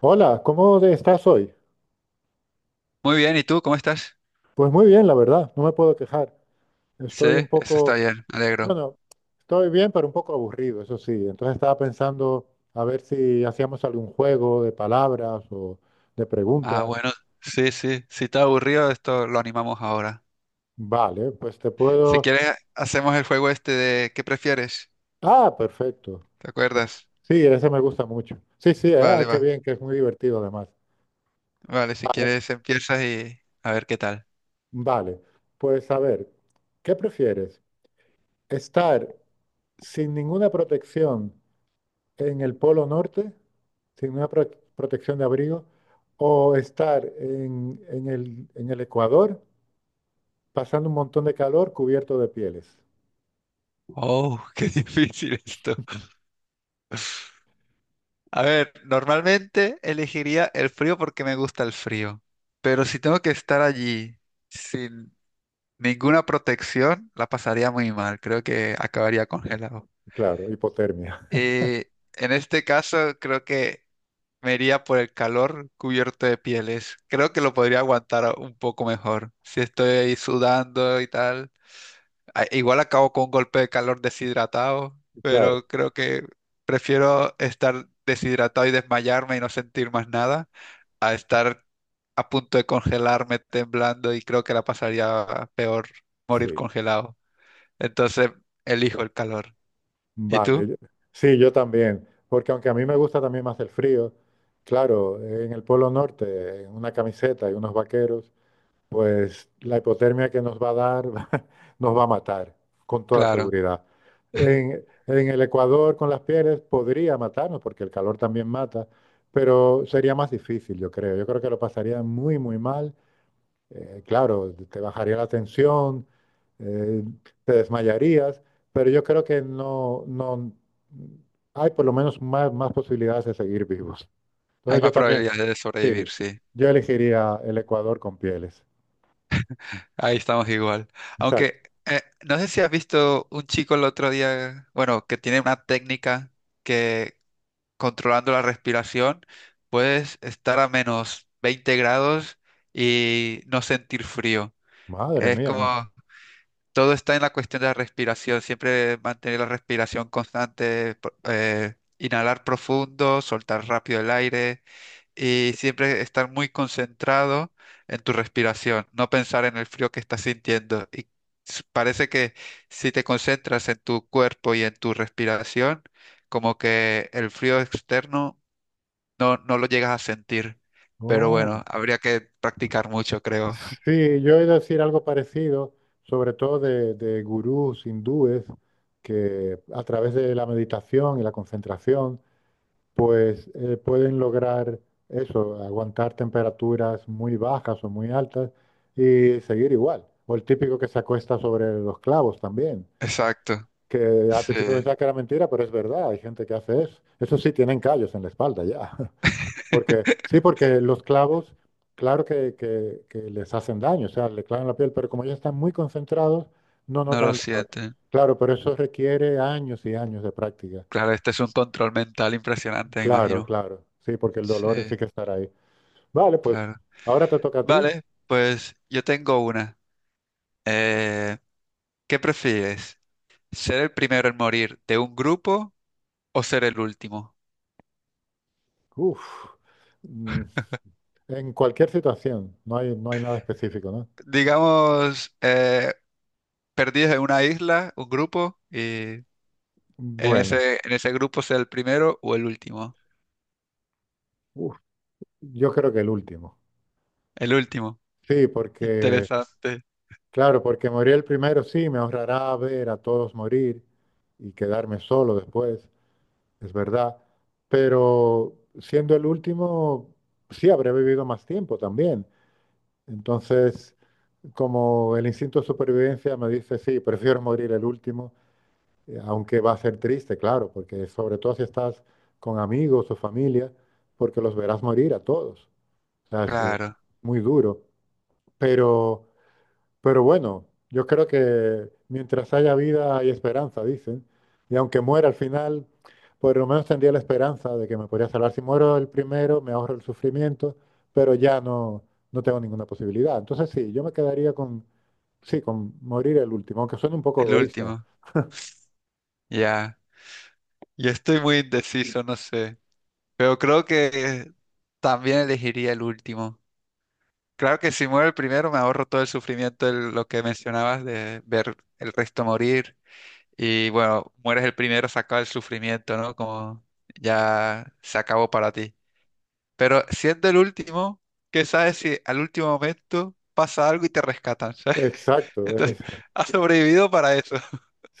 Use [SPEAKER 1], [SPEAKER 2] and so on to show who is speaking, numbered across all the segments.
[SPEAKER 1] Hola, ¿cómo estás hoy?
[SPEAKER 2] Muy bien, ¿y tú cómo estás?
[SPEAKER 1] Pues muy bien, la verdad, no me puedo quejar.
[SPEAKER 2] Sí,
[SPEAKER 1] Estoy un
[SPEAKER 2] eso está
[SPEAKER 1] poco,
[SPEAKER 2] bien, me alegro.
[SPEAKER 1] bueno, estoy bien, pero un poco aburrido, eso sí. Entonces estaba pensando a ver si hacíamos algún juego de palabras o de
[SPEAKER 2] Ah,
[SPEAKER 1] preguntas.
[SPEAKER 2] bueno, sí, sí, si está aburrido, esto lo animamos ahora.
[SPEAKER 1] Vale, pues te
[SPEAKER 2] Si
[SPEAKER 1] puedo...
[SPEAKER 2] quieres, hacemos el juego este de ¿qué prefieres?
[SPEAKER 1] Ah, perfecto.
[SPEAKER 2] ¿Te acuerdas?
[SPEAKER 1] Sí, ese me gusta mucho. Sí, sí,
[SPEAKER 2] Vale,
[SPEAKER 1] qué
[SPEAKER 2] va.
[SPEAKER 1] bien, que es muy divertido además.
[SPEAKER 2] Vale, si quieres empiezas y a ver qué tal.
[SPEAKER 1] Vale, pues a ver, ¿qué prefieres? ¿Estar sin ninguna protección en el Polo Norte sin una protección de abrigo o estar en el Ecuador pasando un montón de calor cubierto de pieles?
[SPEAKER 2] Oh, qué difícil esto. A ver, normalmente elegiría el frío porque me gusta el frío, pero si tengo que estar allí sin ninguna protección, la pasaría muy mal. Creo que acabaría congelado.
[SPEAKER 1] Claro, hipotermia.
[SPEAKER 2] Y en este caso creo que me iría por el calor cubierto de pieles. Creo que lo podría aguantar un poco mejor. Si estoy ahí sudando y tal. Igual acabo con un golpe de calor deshidratado,
[SPEAKER 1] Claro,
[SPEAKER 2] pero creo que prefiero estar deshidratado y desmayarme y no sentir más nada a estar a punto de congelarme temblando y creo que la pasaría peor morir
[SPEAKER 1] sí.
[SPEAKER 2] congelado. Entonces elijo el calor. ¿Y
[SPEAKER 1] Vale.
[SPEAKER 2] tú?
[SPEAKER 1] Sí, yo también. Porque aunque a mí me gusta también más el frío, claro, en el Polo Norte, en una camiseta y unos vaqueros, pues la hipotermia que nos va a dar nos va a matar, con toda
[SPEAKER 2] Claro.
[SPEAKER 1] seguridad. En el Ecuador con las pieles podría matarnos, porque el calor también mata, pero sería más difícil, yo creo. Yo creo que lo pasaría muy, muy mal. Claro, te bajaría la tensión, eh, te desmayarías, pero yo creo que no hay por lo menos más posibilidades de seguir vivos.
[SPEAKER 2] Hay
[SPEAKER 1] Entonces yo
[SPEAKER 2] más
[SPEAKER 1] también,
[SPEAKER 2] probabilidades de sobrevivir,
[SPEAKER 1] sí,
[SPEAKER 2] sí.
[SPEAKER 1] yo elegiría el Ecuador con pieles.
[SPEAKER 2] Ahí estamos igual.
[SPEAKER 1] Exacto.
[SPEAKER 2] Aunque no sé si has visto un chico el otro día, bueno, que tiene una técnica que controlando la respiración puedes estar a -20 grados y no sentir frío.
[SPEAKER 1] Madre
[SPEAKER 2] Es
[SPEAKER 1] mía.
[SPEAKER 2] como todo está en la cuestión de la respiración, siempre mantener la respiración constante, inhalar profundo, soltar rápido el aire y siempre estar muy concentrado en tu respiración, no pensar en el frío que estás sintiendo. Y parece que si te concentras en tu cuerpo y en tu respiración, como que el frío externo no lo llegas a sentir. Pero
[SPEAKER 1] Oh.
[SPEAKER 2] bueno, habría que practicar mucho, creo.
[SPEAKER 1] Sí, yo he de decir algo parecido, sobre todo de gurús hindúes que a través de la meditación y la concentración, pues pueden lograr eso, aguantar temperaturas muy bajas o muy altas y seguir igual. O el típico que se acuesta sobre los clavos también,
[SPEAKER 2] Exacto.
[SPEAKER 1] que al
[SPEAKER 2] Sí,
[SPEAKER 1] principio pensaba que era mentira, pero es verdad, hay gente que hace eso. Eso sí, tienen callos en la espalda ya. Porque, sí, porque los clavos, claro que les hacen daño, o sea, le clavan la piel, pero como ellos están muy concentrados, no
[SPEAKER 2] no lo
[SPEAKER 1] notan el dolor.
[SPEAKER 2] sienten.
[SPEAKER 1] Claro, pero eso requiere años y años de práctica.
[SPEAKER 2] Claro, este es un control mental impresionante, me
[SPEAKER 1] Claro,
[SPEAKER 2] imagino.
[SPEAKER 1] claro, sí, porque el
[SPEAKER 2] Sí,
[SPEAKER 1] dolor sí que estará ahí. Vale, pues
[SPEAKER 2] claro.
[SPEAKER 1] ahora te toca a ti.
[SPEAKER 2] Vale, pues yo tengo una. Eh, ¿Qué prefieres? ¿Ser el primero en morir de un grupo o ser el último?
[SPEAKER 1] Uf, mm, en cualquier situación, no hay nada específico, ¿no?
[SPEAKER 2] Digamos, perdidos en una isla, un grupo, y en
[SPEAKER 1] Bueno,
[SPEAKER 2] ese, en ese grupo ser el primero o el último.
[SPEAKER 1] uf, yo creo que el último.
[SPEAKER 2] El último.
[SPEAKER 1] Sí, porque
[SPEAKER 2] Interesante.
[SPEAKER 1] claro, porque morir el primero sí me ahorrará ver a todos morir y quedarme solo después, es verdad. Pero siendo el último, sí habré vivido más tiempo también. Entonces, como el instinto de supervivencia me dice, sí, prefiero morir el último, aunque va a ser triste, claro, porque sobre todo si estás con amigos o familia, porque los verás morir a todos. O sea, es
[SPEAKER 2] Claro,
[SPEAKER 1] muy duro. Pero. Pero bueno, yo creo que mientras haya vida hay esperanza, dicen. Y aunque muera al final, por lo menos tendría la esperanza de que me podría salvar. Si muero el primero, me ahorro el sufrimiento, pero no tengo ninguna posibilidad. Entonces sí, yo me quedaría con, sí, con morir el último, aunque suene un poco
[SPEAKER 2] el
[SPEAKER 1] egoísta.
[SPEAKER 2] último. Ya. Yo estoy muy indeciso, no sé. Pero creo que también elegiría el último. Claro que si muero el primero me ahorro todo el sufrimiento de lo que mencionabas de ver el resto morir. Y bueno, mueres el primero, se acaba el sufrimiento, ¿no? Como ya se acabó para ti. Pero siendo el último, ¿qué sabes si al último momento pasa algo y te rescatan? ¿Sabes?
[SPEAKER 1] Exacto,
[SPEAKER 2] Entonces, has sobrevivido para eso,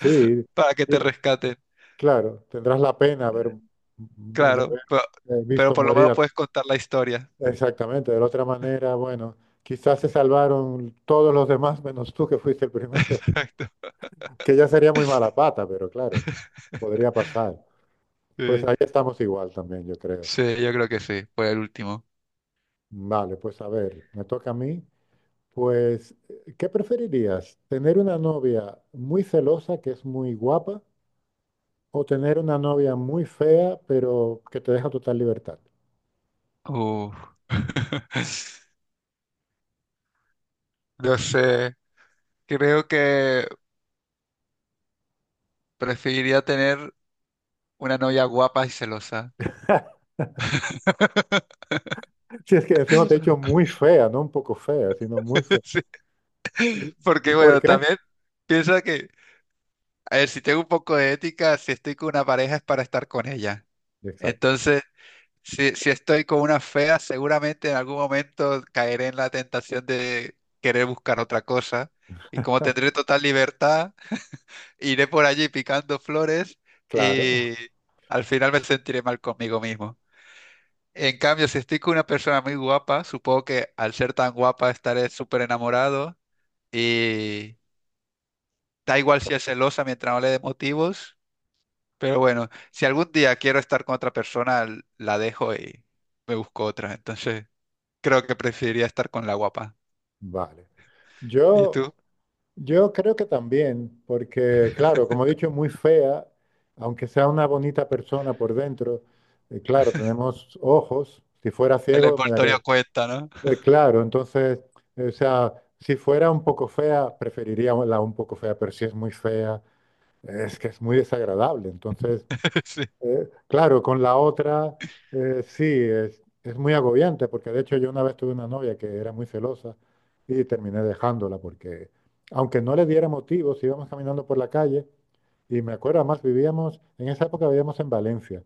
[SPEAKER 2] para que te
[SPEAKER 1] sí,
[SPEAKER 2] rescaten.
[SPEAKER 1] claro, tendrás la pena de
[SPEAKER 2] Claro,
[SPEAKER 1] haber
[SPEAKER 2] pero
[SPEAKER 1] visto
[SPEAKER 2] por lo
[SPEAKER 1] morir.
[SPEAKER 2] menos puedes contar la historia.
[SPEAKER 1] Exactamente, de la otra manera, bueno, quizás se salvaron todos los demás menos tú que fuiste el primero,
[SPEAKER 2] Exacto.
[SPEAKER 1] que ya sería muy mala pata, pero claro, podría pasar. Pues
[SPEAKER 2] Sí,
[SPEAKER 1] ahí estamos igual también, yo creo.
[SPEAKER 2] sí, yo creo que sí, fue el último.
[SPEAKER 1] Vale, pues a ver, me toca a mí. Pues, ¿qué preferirías? ¿Tener una novia muy celosa que es muy guapa o tener una novia muy fea pero que te deja total libertad?
[SPEAKER 2] Uf. No sé, creo que preferiría tener una novia guapa y celosa.
[SPEAKER 1] Si es que encima te he dicho muy fea, no un poco fea, sino muy fea.
[SPEAKER 2] Sí,
[SPEAKER 1] ¿Y y
[SPEAKER 2] porque
[SPEAKER 1] por
[SPEAKER 2] bueno,
[SPEAKER 1] qué?
[SPEAKER 2] también piensa que, a ver, si tengo un poco de ética, si estoy con una pareja es para estar con ella.
[SPEAKER 1] Exacto.
[SPEAKER 2] Entonces, si estoy con una fea, seguramente en algún momento caeré en la tentación de querer buscar otra cosa. Y como tendré total libertad, iré por allí picando flores
[SPEAKER 1] Claro,
[SPEAKER 2] y al final me sentiré mal conmigo mismo. En cambio, si estoy con una persona muy guapa, supongo que al ser tan guapa estaré súper enamorado. Da igual si es celosa mientras no le dé motivos, pero bueno, si algún día quiero estar con otra persona, la dejo y me busco otra. Entonces, creo que preferiría estar con la guapa.
[SPEAKER 1] vale.
[SPEAKER 2] ¿Y
[SPEAKER 1] Yo,
[SPEAKER 2] tú?
[SPEAKER 1] yo creo que también, porque claro, como he dicho, muy fea, aunque sea una bonita persona por dentro, claro, tenemos ojos, si fuera
[SPEAKER 2] El
[SPEAKER 1] ciego me daría...
[SPEAKER 2] envoltorio cuenta, ¿no?
[SPEAKER 1] claro, entonces, o sea, si fuera un poco fea, preferiría la un poco fea, pero si es muy fea, es que es muy desagradable, entonces.
[SPEAKER 2] Sí.
[SPEAKER 1] Claro, con la otra, sí, es muy agobiante, porque de hecho yo una vez tuve una novia que era muy celosa y terminé dejándola, porque aunque no le diera motivos, íbamos caminando por la calle y me acuerdo, además vivíamos, en esa época vivíamos en Valencia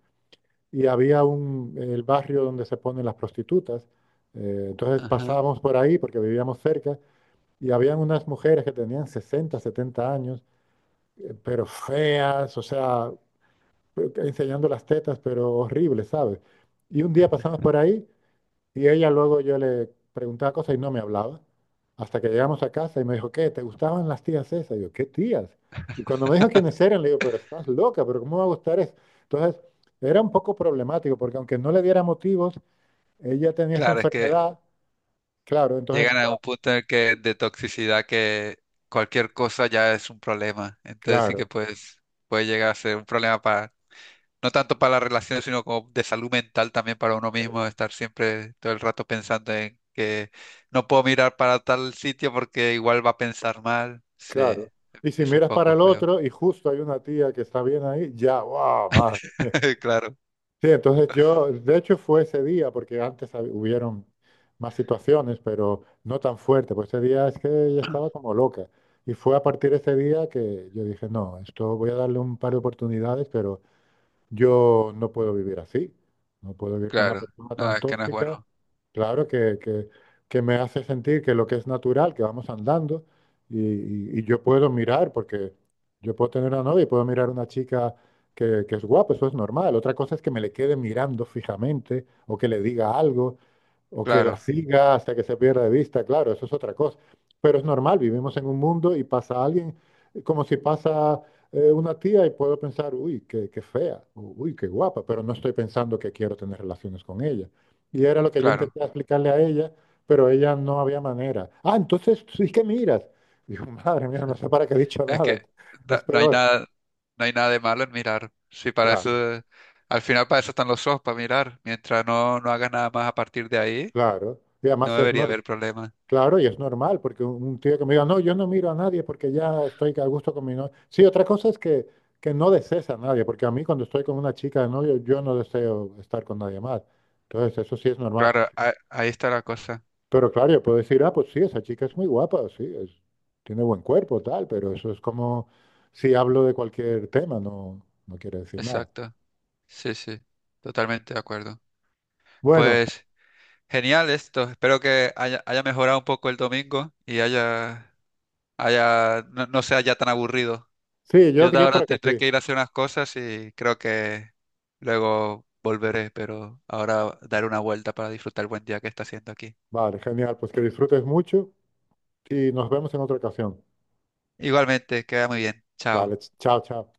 [SPEAKER 1] y había el barrio donde se ponen las prostitutas, entonces
[SPEAKER 2] Ajá.
[SPEAKER 1] pasábamos por ahí porque vivíamos cerca y habían unas mujeres que tenían 60 70 años, pero feas, o sea, enseñando las tetas, pero horrible, ¿sabes? Y un día pasamos por ahí y ella luego yo le preguntaba cosas y no me hablaba. Hasta que llegamos a casa y me dijo, ¿qué? ¿Te gustaban las tías esas? Y yo, ¿qué tías? Y cuando me dijo quiénes eran, le digo, pero estás loca, pero ¿cómo me va a gustar eso? Entonces, era un poco problemático porque aunque no le diera motivos, ella tenía esa
[SPEAKER 2] Claro, es que
[SPEAKER 1] enfermedad, claro, entonces,
[SPEAKER 2] llegan a un punto en el que de toxicidad que cualquier cosa ya es un problema. Entonces sí que
[SPEAKER 1] claro,
[SPEAKER 2] pues puede llegar a ser un problema para. No tanto para las relaciones, sino como de salud mental también para uno mismo, estar siempre todo el rato pensando en que no puedo mirar para tal sitio porque igual va a pensar mal. Sí,
[SPEAKER 1] claro. Y si
[SPEAKER 2] es un
[SPEAKER 1] miras para
[SPEAKER 2] poco
[SPEAKER 1] el
[SPEAKER 2] feo.
[SPEAKER 1] otro y justo hay una tía que está bien ahí, ya, wow.
[SPEAKER 2] Claro,
[SPEAKER 1] Sí, entonces yo, de hecho fue ese día, porque antes hubieron más situaciones, pero no tan fuerte, pues ese día es que ella estaba como loca. Y fue a partir de ese día que yo dije, no, esto voy a darle un par de oportunidades, pero yo no puedo vivir así. No puedo vivir con una
[SPEAKER 2] claro.
[SPEAKER 1] persona
[SPEAKER 2] No,
[SPEAKER 1] tan
[SPEAKER 2] es que no es
[SPEAKER 1] tóxica.
[SPEAKER 2] bueno.
[SPEAKER 1] Claro que me hace sentir que lo que es natural, que vamos andando y yo puedo mirar, porque yo puedo tener una novia y puedo mirar a una chica que es guapa, eso es normal. Otra cosa es que me le quede mirando fijamente o que le diga algo, o que la
[SPEAKER 2] Claro,
[SPEAKER 1] siga hasta que se pierda de vista, claro, eso es otra cosa. Pero es normal, vivimos en un mundo y pasa alguien, como si pasa una tía y puedo pensar, uy, qué fea, uy, qué guapa, pero no estoy pensando que quiero tener relaciones con ella. Y era lo que yo
[SPEAKER 2] claro.
[SPEAKER 1] intenté explicarle a ella, pero ella no había manera. Ah, entonces sí que miras. Digo, madre mía, no sé para qué he dicho
[SPEAKER 2] Es que
[SPEAKER 1] nada, es
[SPEAKER 2] no hay
[SPEAKER 1] peor.
[SPEAKER 2] nada, no hay nada de malo en mirar. Sí, para
[SPEAKER 1] Claro,
[SPEAKER 2] eso, eh, al final para eso están los ojos, para mirar. Mientras no hagas nada más a partir de ahí,
[SPEAKER 1] claro. Y
[SPEAKER 2] no
[SPEAKER 1] además es
[SPEAKER 2] debería
[SPEAKER 1] normal.
[SPEAKER 2] haber problema.
[SPEAKER 1] Claro, y es normal, porque un tío que me diga, no, yo no miro a nadie porque ya estoy a gusto con mi novia. Sí, otra cosa es que no desees a nadie, porque a mí cuando estoy con una chica de novio, yo no deseo estar con nadie más. Entonces, eso sí es normal.
[SPEAKER 2] Claro, ahí está la cosa.
[SPEAKER 1] Pero claro, yo puedo decir, ah, pues sí, esa chica es muy guapa, sí, es, tiene buen cuerpo, tal, pero eso es como si hablo de cualquier tema, no, no quiere decir nada.
[SPEAKER 2] Exacto. Sí, sí, totalmente de acuerdo.
[SPEAKER 1] Bueno,
[SPEAKER 2] Pues genial esto. Espero que haya, haya mejorado un poco el domingo y haya, haya, no, no sea ya tan aburrido.
[SPEAKER 1] sí,
[SPEAKER 2] Yo
[SPEAKER 1] yo,
[SPEAKER 2] de
[SPEAKER 1] yo
[SPEAKER 2] ahora
[SPEAKER 1] creo que
[SPEAKER 2] tendré
[SPEAKER 1] sí.
[SPEAKER 2] que ir a hacer unas cosas y creo que luego volveré, pero ahora daré una vuelta para disfrutar el buen día que está haciendo aquí.
[SPEAKER 1] Vale, genial, pues que disfrutes mucho y nos vemos en otra ocasión.
[SPEAKER 2] Igualmente, queda muy bien.
[SPEAKER 1] Vale,
[SPEAKER 2] Chao.
[SPEAKER 1] chao, chao.